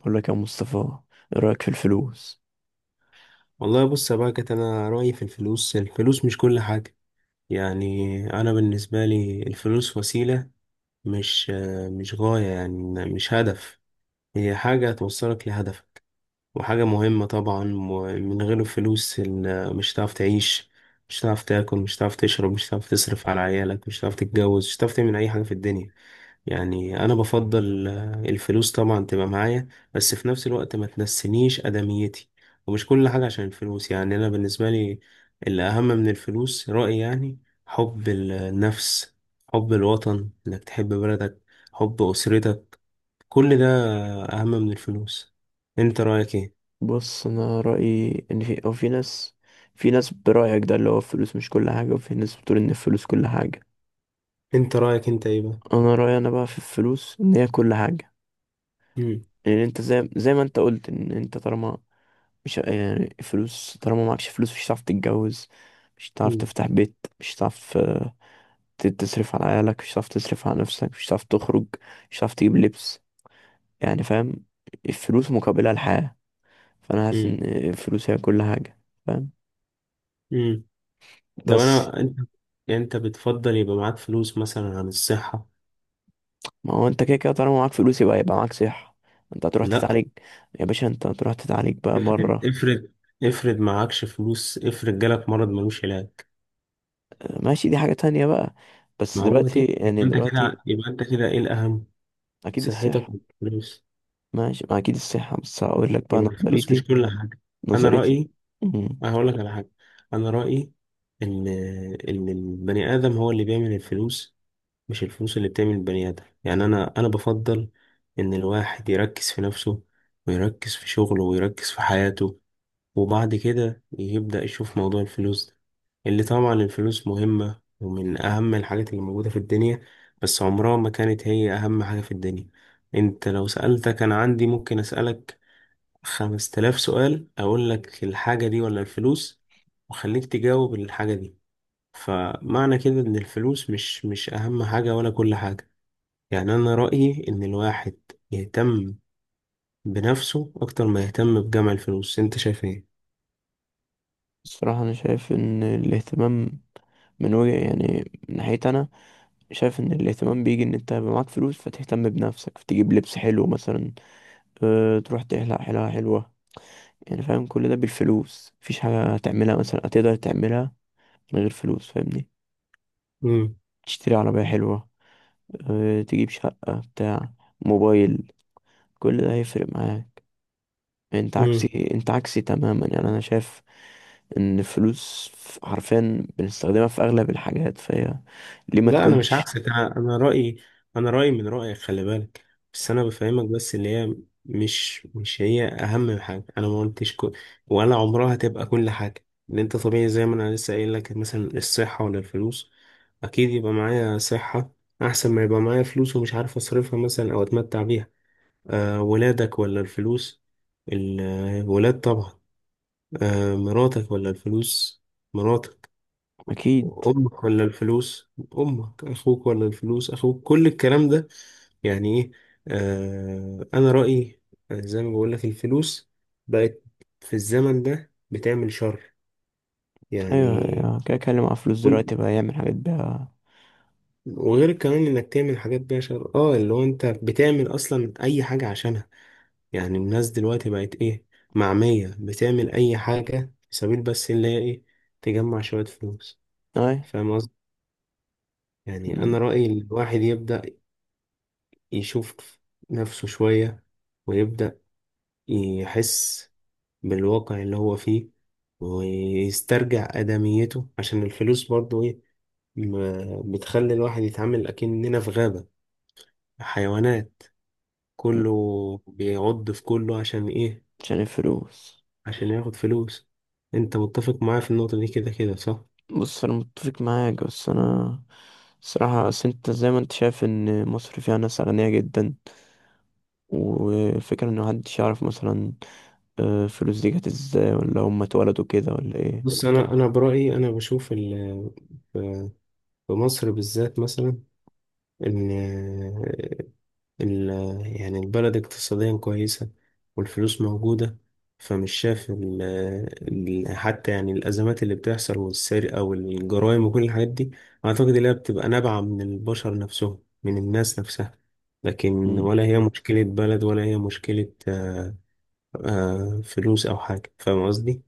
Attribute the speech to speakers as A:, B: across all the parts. A: بقول لك يا مصطفى، ايه رأيك في الفلوس؟
B: والله، بص يا باكت، انا رايي في الفلوس، الفلوس مش كل حاجه. يعني انا بالنسبه لي الفلوس وسيله، مش مش غايه، يعني مش هدف. هي حاجه توصلك لهدفك، وحاجه مهمه طبعا. ومن غير الفلوس مش هتعرف تعيش، مش هتعرف تاكل، مش هتعرف تشرب، مش هتعرف تصرف على عيالك، مش هتعرف تتجوز، مش هتعرف تعمل اي حاجه في الدنيا. يعني انا بفضل الفلوس طبعا تبقى معايا. بس في نفس الوقت ما تنسينيش ادميتي، ومش كل حاجة عشان الفلوس. يعني انا بالنسبة لي، اللي اهم من الفلوس رأيي يعني: حب النفس، حب الوطن، انك تحب بلدك، حب اسرتك. كل ده اهم من الفلوس. انت رأيك ايه؟
A: بص، انا رأيي ان في او في ناس. في ناس برأيك ده اللي هو الفلوس مش كل حاجة، وفي ناس بتقول ان الفلوس كل حاجة.
B: انت رأيك انت ايه بقى؟
A: انا رأيي انا بقى في الفلوس ان هي كل حاجة.
B: مم.
A: يعني انت زي ما انت قلت ان انت طالما مش يعني فلوس، طالما معكش فلوس مش هتعرف تتجوز، مش هتعرف
B: مم.
A: تفتح بيت، مش هتعرف تصرف على عيالك، مش هتعرف تصرف على نفسك، مش هتعرف تخرج، مش هتعرف تجيب لبس. يعني فاهم، الفلوس مقابلها الحياة. فانا حاسس
B: مم.
A: ان فلوسي هي كل حاجه. فاهم؟
B: مم. طب،
A: بس
B: انت، يعني انت بتفضل يبقى معاك فلوس مثلا عن الصحة؟
A: ما هو انت كده كده طالما معاك فلوس يبقى معاك صحه. انت هتروح
B: لا.
A: تتعالج. يا باشا، انت هتروح تتعالج بقى
B: افرض
A: بره.
B: افرض افرض معكش فلوس، افرض جالك مرض ملوش علاج.
A: ماشي، دي حاجه تانية بقى. بس
B: ما هو
A: دلوقتي،
B: دي،
A: يعني
B: يبقى انت
A: دلوقتي،
B: كده يبقى انت كده ايه الاهم؟
A: اكيد
B: صحتك
A: الصحه.
B: ولا الفلوس؟
A: ماشي، ما اكيد الصحه، بس هقول لك بقى
B: يبقى الفلوس مش
A: نظريتي.
B: كل حاجه. انا
A: نظريتي.
B: رايي.
A: مم.
B: هقول لك على حاجه. انا رايي ان ان البني ادم هو اللي بيعمل الفلوس، مش الفلوس اللي بتعمل البني ادم. يعني انا بفضل ان الواحد يركز في نفسه، ويركز في شغله، ويركز في حياته، وبعد كده يبدأ يشوف موضوع الفلوس ده، اللي طبعا الفلوس مهمة ومن أهم الحاجات اللي موجودة في الدنيا، بس عمرها ما كانت هي أهم حاجة في الدنيا. أنت لو سألتك، أنا عندي، ممكن أسألك 5 تلاف سؤال، أقول لك الحاجة دي ولا الفلوس، وخليك تجاوب الحاجة دي. فمعنى كده إن الفلوس مش أهم حاجة ولا كل حاجة. يعني أنا رأيي إن الواحد يهتم بنفسه أكتر ما يهتم بجمع الفلوس. أنت شايف إيه؟
A: الصراحه انا شايف ان الاهتمام من وجه يعني من ناحيتي انا، شايف ان الاهتمام بيجي ان انت يبقى معاك فلوس، فتهتم بنفسك، فتجيب لبس حلو مثلا، تروح تحلق حلاقه حلوه. يعني فاهم، كل ده بالفلوس. مفيش حاجة هتعملها مثلا، هتقدر تعملها من غير فلوس؟ فاهمني؟ تشتري عربية حلوة، تجيب شقة، بتاع موبايل، كل ده هيفرق معاك. انت
B: مم.
A: عكسي، تماما. يعني انا شايف ان الفلوس حرفيا بنستخدمها في اغلب الحاجات، فهي ليه ما
B: لا، انا مش
A: تكونش؟
B: عكسك. انا رايي، انا رايي من رايك، خلي بالك. بس انا بفهمك. بس اللي هي مش هي اهم حاجه. انا ما قلتش كل ولا عمرها تبقى كل حاجه. ان انت طبيعي زي ما انا لسه قايل لك، مثلا الصحه ولا الفلوس؟ اكيد يبقى معايا صحه احسن ما يبقى معايا فلوس ومش عارف اصرفها مثلا او اتمتع بيها. أه، ولادك ولا الفلوس؟ الولاد طبعا. أه، مراتك ولا الفلوس؟ مراتك.
A: اكيد.
B: امك ولا الفلوس؟ امك. اخوك ولا الفلوس؟ اخوك. كل الكلام ده يعني ايه؟ انا رأيي، زي ما بقول لك، الفلوس بقت في الزمن ده بتعمل شر.
A: ايوه،
B: يعني
A: أيوة، كده كلم مع فلوس
B: كل
A: دلوقتي بقى يعمل حاجات بيها.
B: وغير كمان انك تعمل حاجات بيها شر. اه اللي هو انت بتعمل اصلا اي حاجة عشانها. يعني الناس دلوقتي بقت ايه؟ معمية، بتعمل اي حاجة في سبيل بس اللي هي ايه؟ تجمع شوية فلوس.
A: اي،
B: فاهم قصدي؟ يعني انا رأيي الواحد يبدأ يشوف نفسه شوية، ويبدأ يحس بالواقع اللي هو فيه، ويسترجع آدميته. عشان الفلوس برضو إيه؟ بتخلي الواحد يتعامل أكننا في غابة حيوانات، كله بيعض في كله عشان إيه؟
A: عشان الفلوس.
B: عشان ياخد فلوس. أنت متفق معايا في النقطة دي كده كده، صح؟
A: بص، انا متفق معاك، بس انا الصراحة، بس انت زي ما انت شايف ان مصر فيها ناس أغنياء جدا، وفكرة ان محدش يعرف مثلا فلوس دي جت ازاي، ولا هم اتولدوا كده، ولا ايه.
B: بص، أنا برأيي أنا بشوف في مصر بالذات مثلا، إن ال- يعني البلد اقتصاديا كويسة والفلوس موجودة. فمش شايف حتى يعني الأزمات اللي بتحصل والسرقة والجرائم وكل الحاجات دي، أعتقد إنها بتبقى نابعة من البشر نفسهم، من الناس نفسها. لكن
A: مم.
B: ولا هي مشكلة بلد ولا هي مشكلة، فلوس أو حاجة. فاهم قصدي؟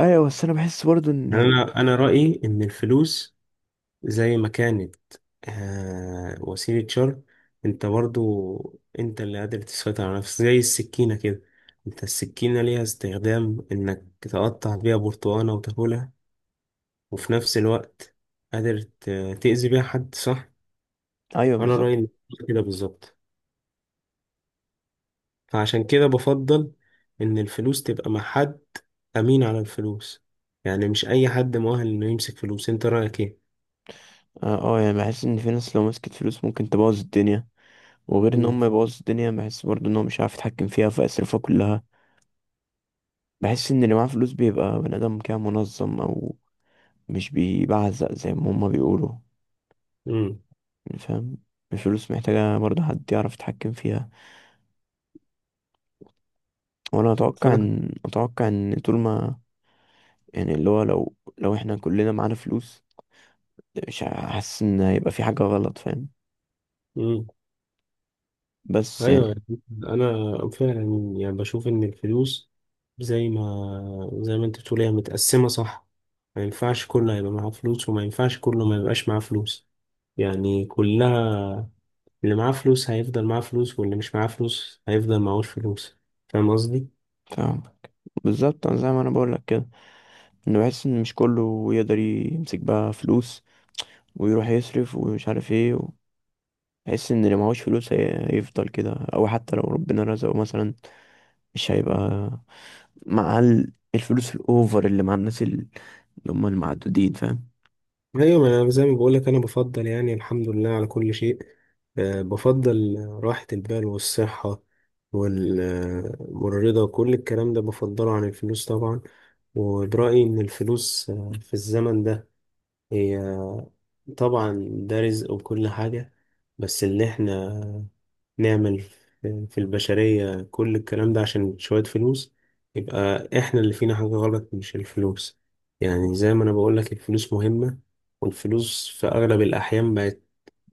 A: ايوه، بس انا بحس برضه ان،
B: يعني
A: يعني.
B: أنا رأيي إن الفلوس زي ما كانت، وسيلة شر. انت برضو انت اللي قادر تسيطر على نفسك، زي السكينة كده. انت السكينة ليها استخدام، انك تقطع بيها برتقانة وتاكلها، وفي نفس الوقت قادر تأذي بيها حد، صح.
A: ايوه
B: انا رأيي
A: بالظبط.
B: إن كده بالظبط. فعشان كده بفضل ان الفلوس تبقى مع حد امين على الفلوس. يعني مش اي حد مؤهل انه يمسك فلوس. انت رأيك ايه؟
A: اه. يعني بحس ان في ناس لو مسكت فلوس ممكن تبوظ الدنيا. وغير ان هم
B: امم.
A: يبوظوا الدنيا، بحس برضه ان هو مش عارف يتحكم فيها فيصرفها كلها. بحس ان اللي معاه فلوس بيبقى بني ادم كده منظم، او مش بيبعزق زي ما هم بيقولوا.
B: امم.
A: يعني فاهم، الفلوس محتاجة برضه حد يعرف يتحكم فيها. وانا اتوقع
B: فاهم.
A: ان، طول ما، يعني اللي هو لو احنا كلنا معانا فلوس، مش حاسس ان هيبقى في حاجة غلط. فاهم؟ بس
B: ايوه،
A: يعني.
B: انا فعلا يعني بشوف ان الفلوس، زي ما انت بتقول، هي متقسمه، صح. ما ينفعش كله هيبقى معاه فلوس، وما ينفعش كله ما يبقاش معاه فلوس. يعني كلها، اللي معاه فلوس هيفضل معاه فلوس، واللي مش معاه فلوس هيفضل معهوش فلوس. فاهم قصدي؟
A: فاهم؟ بالظبط. أنا زي ما انا بقول لك كده، انه بحس ان مش كله يقدر يمسك بقى فلوس ويروح يصرف ومش عارف ايه. بحس ان اللي معهوش فلوس هيفضل كده، او حتى لو ربنا رزقه مثلا، مش هيبقى مع الفلوس الاوفر اللي مع الناس اللي هم المعدودين. فاهم؟
B: ايوه. ما أنا زي ما بقول لك، انا بفضل يعني الحمد لله على كل شيء. بفضل راحة البال والصحة، والرضا وكل الكلام ده بفضله عن الفلوس طبعا. وبرأيي ان الفلوس، في الزمن ده، هي طبعا ده رزق وكل حاجة، بس اللي احنا نعمل في البشرية كل الكلام ده عشان شوية فلوس، يبقى احنا اللي فينا حاجة غلط مش الفلوس. يعني زي ما انا بقولك، الفلوس مهمة. والفلوس في اغلب الاحيان بقت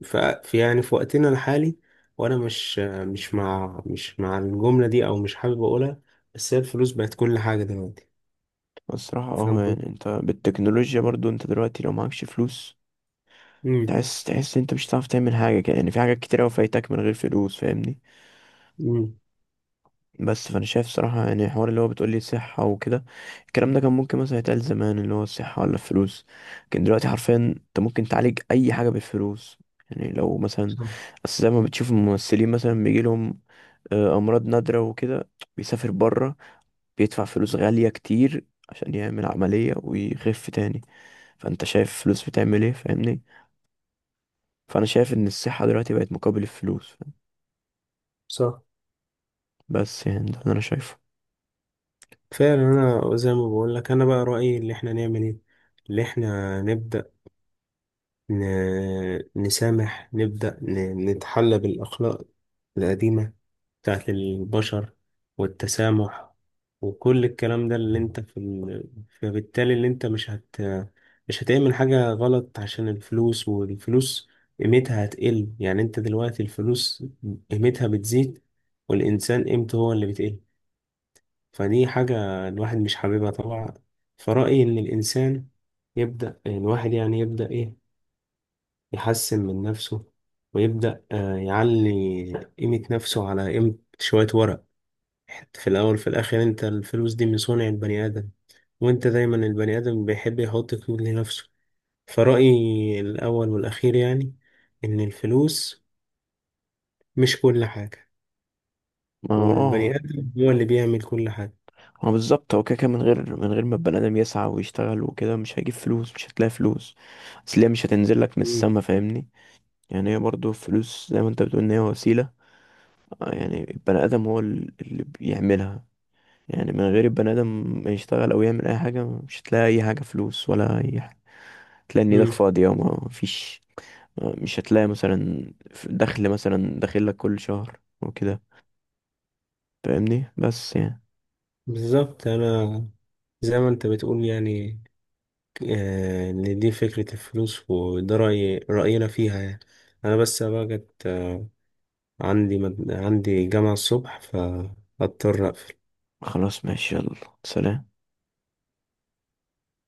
B: ف- في يعني في وقتنا الحالي. وانا مش مع الجملة دي، او مش حابب اقولها، بس هي الفلوس بقت كل حاجة دلوقتي.
A: الصراحة
B: فاهم
A: اه، يعني
B: قصدي؟
A: انت بالتكنولوجيا برضو، انت دلوقتي لو معكش فلوس
B: امم.
A: تحس، انت مش هتعرف تعمل حاجة كده. يعني في حاجات كتير اوي فايتك من غير فلوس، فاهمني؟
B: امم.
A: بس فانا شايف صراحة، يعني الحوار اللي هو بتقولي صحة وكده، الكلام ده كان ممكن مثلا يتقال زمان، اللي هو الصحة ولا الفلوس. لكن دلوقتي حرفيا انت ممكن تعالج اي حاجة بالفلوس. يعني لو مثلا،
B: صح.
A: اصل زي ما بتشوف الممثلين مثلا بيجيلهم امراض نادرة وكده، بيسافر بره، بيدفع فلوس غالية كتير عشان يعمل عملية ويخف تاني. فانت شايف الفلوس بتعمل ايه؟ فاهمني؟ فانا شايف ان الصحة دلوقتي بقت مقابل الفلوس. فاهم؟
B: صح.
A: بس يعني ده اللي انا شايفه.
B: فعلا، انا زي ما بقولك، انا بقى رأيي اللي احنا نعمل ايه. اللي احنا نبدأ نسامح، نبدأ نتحلى بالأخلاق القديمة بتاعت البشر، والتسامح وكل الكلام ده، اللي انت فبالتالي اللي انت مش هتعمل حاجة غلط عشان الفلوس، والفلوس قيمتها هتقل. يعني انت دلوقتي الفلوس قيمتها بتزيد، والإنسان قيمته هو اللي بتقل. فدي حاجة الواحد مش حاببها طبعا. فرأيي إن الإنسان يبدأ، الواحد يعني يبدأ إيه؟ يحسن من نفسه، ويبدأ يعلي قيمة نفسه على قيمة شوية ورق. في الأول في الآخر أنت الفلوس دي من صنع البني آدم، وأنت دايما البني آدم بيحب يحط قيمة لنفسه. فرأيي الأول والأخير يعني، إن الفلوس مش كل حاجة،
A: ما هو- اه.
B: والبني آدم هو اللي بيعمل كل حاجة.
A: ما هو بالظبط، هو كده كده من غير ما البني ادم يسعى ويشتغل وكده، مش هيجيب فلوس، مش هتلاقي فلوس. اصل هي مش هتنزل لك من
B: مم.
A: السما. فاهمني؟ يعني هي برضو الفلوس زي ما انت بتقول، ان هي وسيلة. يعني البني ادم هو اللي بيعملها. يعني من غير البني ادم ما يشتغل او يعمل اي حاجة، مش هتلاقي اي حاجة، فلوس ولا اي حاجة. تلاقي ان ايدك
B: مم.
A: فاضية وما فيش. مش هتلاقي مثلا دخل مثلا داخل لك كل شهر وكده. فاهمني؟ بس يعني.
B: بالظبط. أنا زي ما أنت بتقول يعني، إن دي فكرة الفلوس، وده رأينا فيها يعني. أنا بس بقى جت عندي جامعة الصبح، فاضطر أقفل.
A: خلاص، ماشي، يلا. سلام.